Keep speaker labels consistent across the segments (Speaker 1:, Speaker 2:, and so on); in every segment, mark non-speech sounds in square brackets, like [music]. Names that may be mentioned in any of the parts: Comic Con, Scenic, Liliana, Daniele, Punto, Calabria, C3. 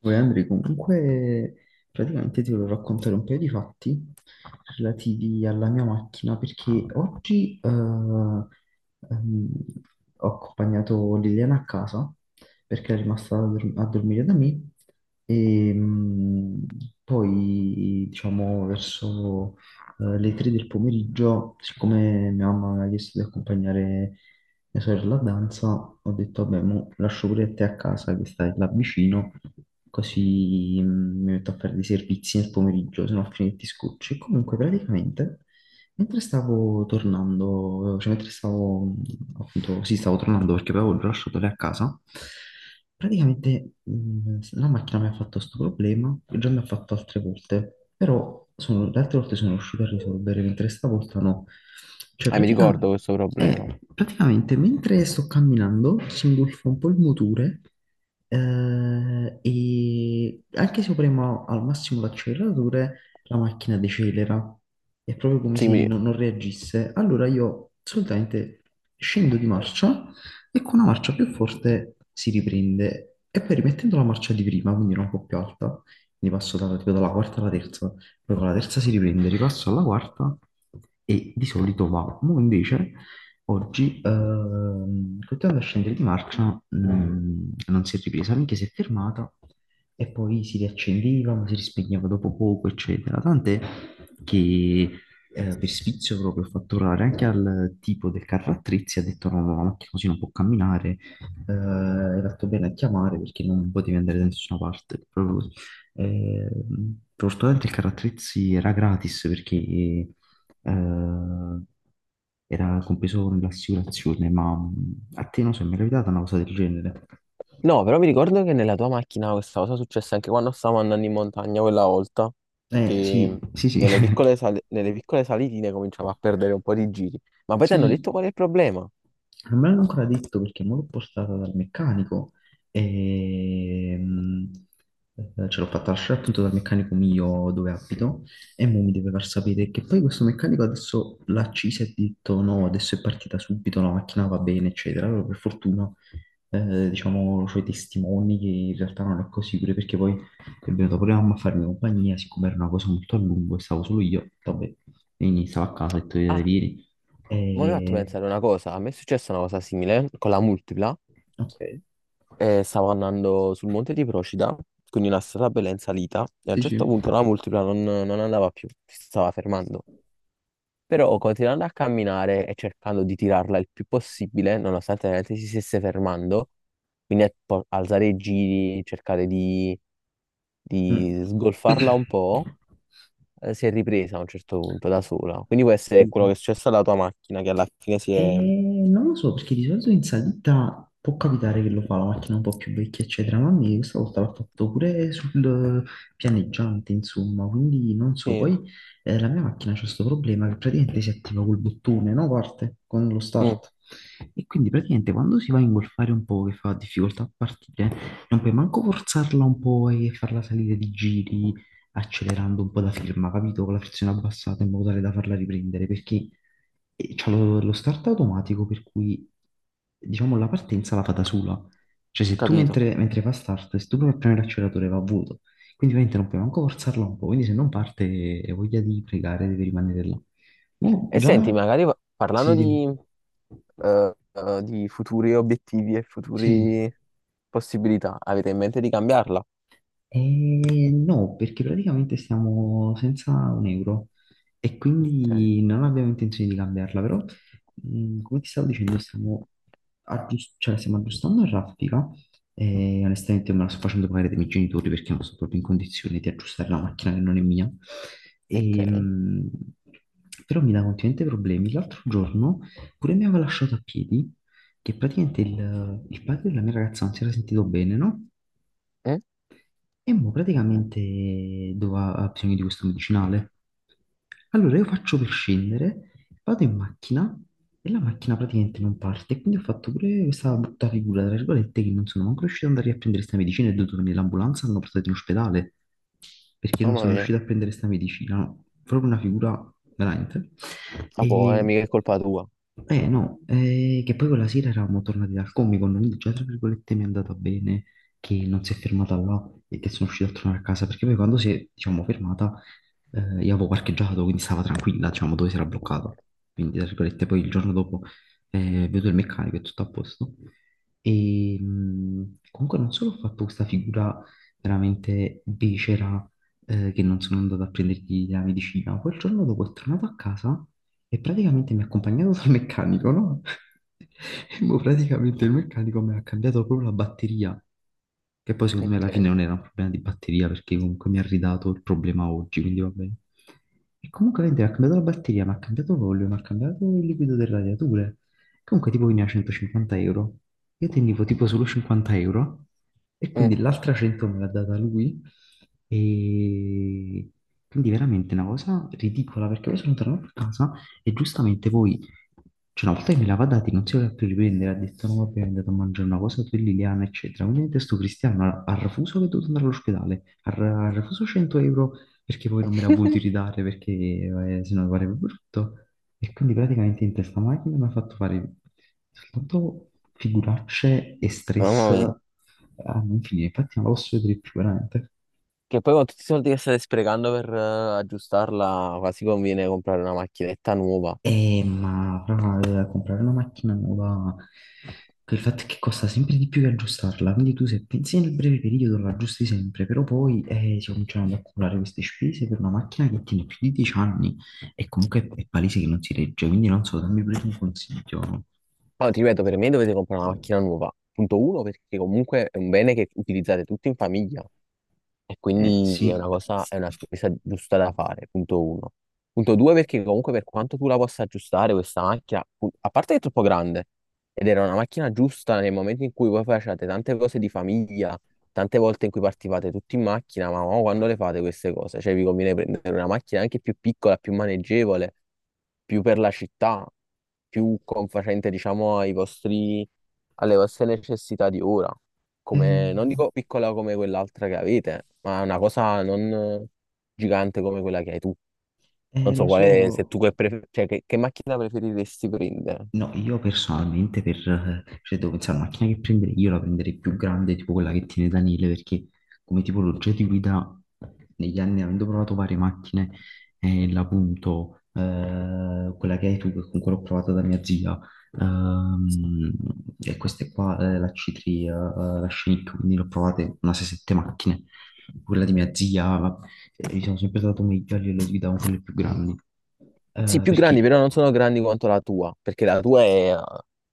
Speaker 1: Poi Andrea, comunque praticamente ti volevo raccontare un paio di fatti relativi alla mia macchina perché oggi ho accompagnato Liliana a casa perché è rimasta a dormire da me e mm, poi diciamo verso le 3 del pomeriggio, siccome mia mamma mi ha chiesto di accompagnare mia sorella danza, ho detto, vabbè, mo lascio pure te a casa che stai là vicino, così mi metto a fare dei servizi nel pomeriggio, se no a fine ti scocci. E comunque praticamente mentre stavo tornando, cioè mentre stavo appunto, sì, stavo tornando perché poi avevo lasciato lei a casa, praticamente la macchina mi ha fatto questo problema, che già mi ha fatto altre volte, però le altre volte sono riuscito a risolvere, mentre stavolta no. Cioè
Speaker 2: Ah, mi ricordo questo problema.
Speaker 1: praticamente mentre sto camminando si ingolfa un po' il motore, e anche se io premo al massimo l'acceleratore la macchina decelera, è proprio come
Speaker 2: Sì,
Speaker 1: se
Speaker 2: mi-
Speaker 1: non reagisse. Allora io solitamente scendo di marcia e con una marcia più forte si riprende e poi rimettendo la marcia di prima, quindi era un po' più alta, quindi passo dalla, tipo dalla quarta alla terza, poi con la terza si riprende, ripasso alla quarta e di solito va. Mo invece oggi, continuando a scendere di marcia, non si è ripresa, minchia si è fermata e poi si riaccendeva, ma si rispegneva dopo poco, eccetera. Tant'è che per sfizio proprio ho fatto urlare anche al tipo del carro attrezzi, ha detto no, no, la macchina così non può camminare, hai fatto bene a chiamare perché non potevi andare da nessuna parte, proprio così. Eh, fortunatamente il carro attrezzi era gratis perché era compreso nell'assicurazione, ma a te non so, mi è capitata una cosa del genere.
Speaker 2: No, però mi ricordo che nella tua macchina questa cosa successe anche quando stavamo andando in montagna quella volta,
Speaker 1: Eh
Speaker 2: che
Speaker 1: sì, sì, sì. [laughs]
Speaker 2: nelle piccole salitine cominciamo a perdere un po' di giri. Ma poi ti hanno
Speaker 1: Sì,
Speaker 2: detto qual è il problema?
Speaker 1: non me l'hanno ancora detto perché me l'ho portata dal meccanico e mm, ce l'ho fatta lasciare appunto dal meccanico mio dove abito e mo mi deve far sapere che poi questo meccanico adesso l'ha accesa e ha detto no, adesso è partita subito, la macchina va bene, eccetera. Allora per fortuna, diciamo ho i testimoni che in realtà non è così, pure perché poi è venuta pure la mamma a farmi compagnia, siccome era una cosa molto a lungo e stavo solo io, vabbè, quindi stavo a casa e tu
Speaker 2: Ah,
Speaker 1: vieni.
Speaker 2: ma mi hai fatto
Speaker 1: E
Speaker 2: pensare una cosa. A me è successa una cosa simile con la multipla.
Speaker 1: ok,
Speaker 2: Stavo andando sul monte di Procida, quindi una strada bella in salita, e a un
Speaker 1: sì,
Speaker 2: certo
Speaker 1: sì.
Speaker 2: punto la multipla non andava più, si stava fermando. Però continuando a camminare e cercando di tirarla il più possibile, nonostante veramente si stesse fermando, quindi alzare i giri,
Speaker 1: Mm.
Speaker 2: di sgolfarla un
Speaker 1: [clears throat]
Speaker 2: po', si è ripresa a un certo punto da sola. Quindi questo è quello
Speaker 1: Capito.
Speaker 2: che è successo alla tua macchina, che alla fine si
Speaker 1: E
Speaker 2: è...
Speaker 1: non lo so, perché di solito in salita può capitare che lo fa la macchina un po' più vecchia, eccetera, ma a me questa volta l'ha fatto pure sul pianeggiante, insomma, quindi non so.
Speaker 2: Sì,
Speaker 1: Poi la mia macchina c'ha questo problema che praticamente si attiva col bottone, no? Parte con lo
Speaker 2: ho
Speaker 1: start. E quindi praticamente quando si va a ingolfare un po' che fa difficoltà a partire, non puoi manco forzarla un po' e farla salire di giri accelerando un po' la firma, capito? Con la frizione abbassata in modo tale da farla riprendere, perché e c'ha lo start automatico per cui diciamo la partenza la fa da sola. Cioè se tu
Speaker 2: capito.
Speaker 1: mentre fa start, se tu provi a premere l'acceleratore va a vuoto, quindi ovviamente non puoi manco forzarla un po', quindi se non parte hai voglia di pregare, devi rimanere là. Mo'
Speaker 2: E senti,
Speaker 1: già
Speaker 2: parlando
Speaker 1: sì,
Speaker 2: di futuri obiettivi e
Speaker 1: sì.
Speaker 2: futuri possibilità, avete in mente di cambiarla?
Speaker 1: No, perché praticamente stiamo senza un euro e
Speaker 2: Ok.
Speaker 1: quindi non abbiamo intenzione di cambiarla, però come ti stavo dicendo stiamo, cioè, stiamo aggiustando la raffica e onestamente me la sto facendo pagare dai miei genitori perché non sono proprio in condizione di aggiustare la macchina che non è mia.
Speaker 2: Ok.
Speaker 1: E, mh, Però mi dà continuamente problemi. L'altro giorno pure mi aveva lasciato a piedi che praticamente il padre della mia ragazza non si era sentito bene, no?
Speaker 2: Mm?
Speaker 1: E mo praticamente doveva, ha bisogno di questo medicinale. Allora io faccio per scendere, vado in macchina e la macchina praticamente non parte. E quindi ho fatto pure questa brutta figura, tra virgolette, che non sono manco riuscito ad andare a prendere questa medicina e ho dovuto venire l'ambulanza, hanno portato in ospedale perché non
Speaker 2: Mamma
Speaker 1: sono
Speaker 2: mia.
Speaker 1: riuscito a prendere sta medicina, no? Proprio una figura veramente.
Speaker 2: Ah, boh,
Speaker 1: E
Speaker 2: mica è colpa tua.
Speaker 1: eh no, che poi quella sera eravamo tornati dal Comic Con, quindi già tra virgolette mi è andata bene che non si è fermata là e che sono riuscito a tornare a casa, perché poi quando si è, diciamo, fermata, io avevo parcheggiato, quindi stava tranquilla, diciamo, dove si era bloccata. Quindi, tra virgolette, poi il giorno dopo vedo il meccanico e tutto a posto. Comunque non solo ho fatto questa figura veramente becera, che non sono andato a prendergli la medicina. Quel giorno dopo è tornato a casa e praticamente mi ha accompagnato dal meccanico, no? [laughs] E mo praticamente il meccanico mi ha cambiato proprio la batteria, che poi secondo me alla fine
Speaker 2: Ok.
Speaker 1: non era un problema di batteria perché comunque mi ha ridato il problema oggi, quindi va bene. E comunque mentre mi ha cambiato la batteria, mi ha cambiato l'olio, mi ha cambiato il liquido del radiatore. Comunque tipo veniva 150 euro. Io tenevo tipo solo 50 euro e quindi
Speaker 2: Mm.
Speaker 1: l'altra 100 me l'ha data lui. E quindi veramente una cosa ridicola perché poi sono tornato a casa e giustamente voi, cioè una volta che me l'aveva dati non si voleva più riprendere, ha detto no vabbè è andato a mangiare una cosa per Liliana eccetera, quindi adesso Cristiano ha refuso che è dovuto andare all'ospedale, ha refuso 100 euro perché poi non me la voluti
Speaker 2: [laughs]
Speaker 1: ridare perché sennò mi pareva brutto. E quindi praticamente in testa macchina mi ha fatto fare soltanto figuracce e stress
Speaker 2: Mamma mia.
Speaker 1: a non finire. Infatti non la posso vedere più veramente.
Speaker 2: Che poi con tutti i soldi che state sprecando per aggiustarla, quasi conviene comprare una macchinetta nuova.
Speaker 1: Ma fra comprare una macchina nuova, il fatto è che costa sempre di più che aggiustarla, quindi tu se pensi nel breve periodo la aggiusti sempre, però poi si cominciano ad accumulare queste spese per una macchina che tiene più di 10 anni e comunque è palese che non si regge, quindi non so, dammi pure un consiglio.
Speaker 2: No, ti ripeto, per me dovete comprare una macchina nuova. Punto uno, perché comunque è un bene che utilizzate tutti in famiglia. E
Speaker 1: Eh
Speaker 2: quindi
Speaker 1: sì,
Speaker 2: è una spesa giusta da fare, punto uno. Punto due, perché comunque per quanto tu la possa aggiustare questa macchina, a parte che è troppo grande, ed era una macchina giusta nel momento in cui voi facevate tante cose di famiglia, tante volte in cui partivate tutti in macchina, ma mo quando le fate queste cose? Cioè vi conviene prendere una macchina anche più piccola, più maneggevole, più per la città, più confacente, diciamo, alle vostre necessità di ora
Speaker 1: eh,
Speaker 2: come, non dico piccola come quell'altra che avete, ma una cosa non gigante come quella che hai tu. Non so
Speaker 1: lo
Speaker 2: quale, se
Speaker 1: so.
Speaker 2: tu che, pref- cioè, che macchina preferiresti prendere.
Speaker 1: No, io personalmente per, cioè devo pensare alla macchina che prenderei, io la prenderei più grande, tipo quella che tiene Daniele, perché come tipologia di guida negli anni, avendo provato varie macchine, è la Punto, quella che hai tu, che con quella ho provato da mia zia, ehm, e queste qua, la C3, la Scenic, quindi l'ho provate una 6-7 macchine, quella di mia zia, gli sono sempre stato meglio a livello di guida con quelle più grandi,
Speaker 2: Sì, più grandi,
Speaker 1: perché...
Speaker 2: però non sono grandi quanto la tua, perché la tua è...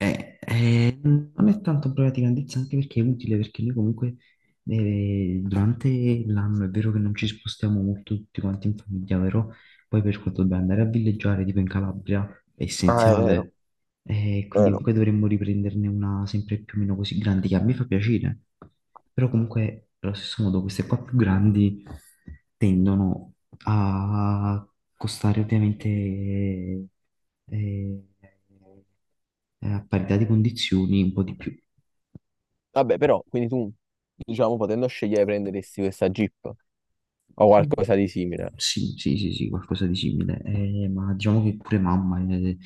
Speaker 1: Non è tanto un problema di grandezza, anche perché è utile, perché noi comunque durante l'anno è vero che non ci spostiamo molto tutti quanti in famiglia, però poi per quanto dobbiamo andare a villeggiare, tipo in Calabria, è
Speaker 2: Ah, è vero,
Speaker 1: essenziale e
Speaker 2: è
Speaker 1: quindi
Speaker 2: vero.
Speaker 1: comunque dovremmo riprenderne una sempre più o meno così grande, che a me fa piacere. Però comunque, allo stesso modo, queste qua più grandi tendono a costare ovviamente, a parità di condizioni un po' di più.
Speaker 2: Vabbè, però, quindi tu, diciamo, potendo scegliere, prenderesti questa Jeep o
Speaker 1: Mm,
Speaker 2: qualcosa di simile.
Speaker 1: sì, sì, sì, sì, qualcosa di simile. Ma diciamo che pure mamma eh,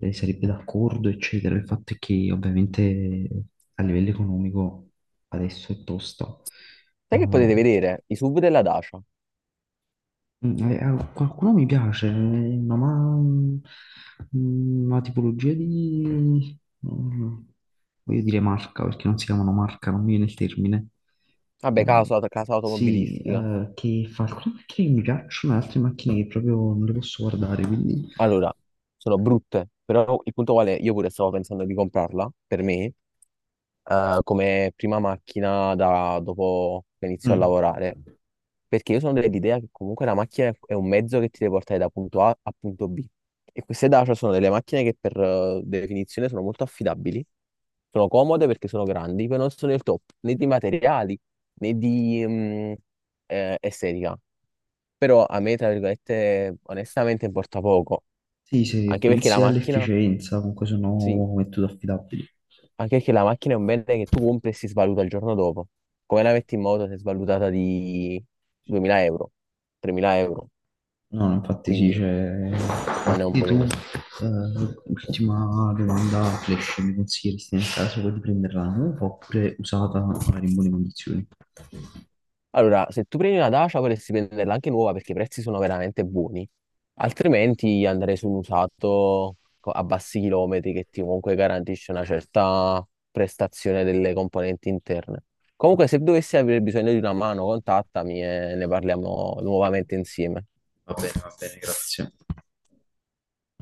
Speaker 1: eh, sarebbe d'accordo, eccetera. Il fatto è che ovviamente a livello economico adesso è tosta. Eh,
Speaker 2: Sai che potete vedere? I SUV della Dacia.
Speaker 1: Qualcuno mi piace, ma, una tipologia di... mm, voglio dire marca, perché non si chiamano marca, non mi viene il termine.
Speaker 2: Vabbè,
Speaker 1: Eh,
Speaker 2: casa
Speaker 1: sì,
Speaker 2: automobilistica.
Speaker 1: che fa alcune macchine che mi piacciono e altre macchine che proprio non le posso guardare, quindi...
Speaker 2: Allora, sono brutte, però il punto qual è? Io pure stavo pensando di comprarla per me, come prima macchina da dopo che inizio a
Speaker 1: Mm,
Speaker 2: lavorare, perché io sono dell'idea che comunque la macchina è un mezzo che ti deve portare da punto A a punto B. E queste Dacia sono delle macchine che per definizione sono molto affidabili, sono comode perché sono grandi, però non sono il top né di materiali né di estetica. Però a me, tra virgolette, onestamente importa poco.
Speaker 1: sì, se
Speaker 2: Anche perché la
Speaker 1: pensi
Speaker 2: macchina,
Speaker 1: all'efficienza, comunque
Speaker 2: sì,
Speaker 1: sono metodi affidabili.
Speaker 2: anche perché la macchina è un bene che tu compri e si svaluta il giorno dopo. Come la metti in moto si è svalutata di
Speaker 1: Sì.
Speaker 2: 2000 euro, 3000 euro,
Speaker 1: No, no, infatti sì,
Speaker 2: quindi
Speaker 1: c'è...
Speaker 2: non è un
Speaker 1: Quindi
Speaker 2: buon
Speaker 1: tu,
Speaker 2: investimento.
Speaker 1: ultima domanda flash, mi consiglieresti nel caso di prenderla nuova oppure usata magari in buone condizioni?
Speaker 2: Allora, se tu prendi una Dacia vorresti prenderla anche nuova perché i prezzi sono veramente buoni, altrimenti andrei su un usato a bassi chilometri che ti comunque garantisce una certa prestazione delle componenti interne.
Speaker 1: Va
Speaker 2: Comunque, se dovessi avere bisogno di una mano, contattami e ne parliamo nuovamente insieme.
Speaker 1: va bene, grazie.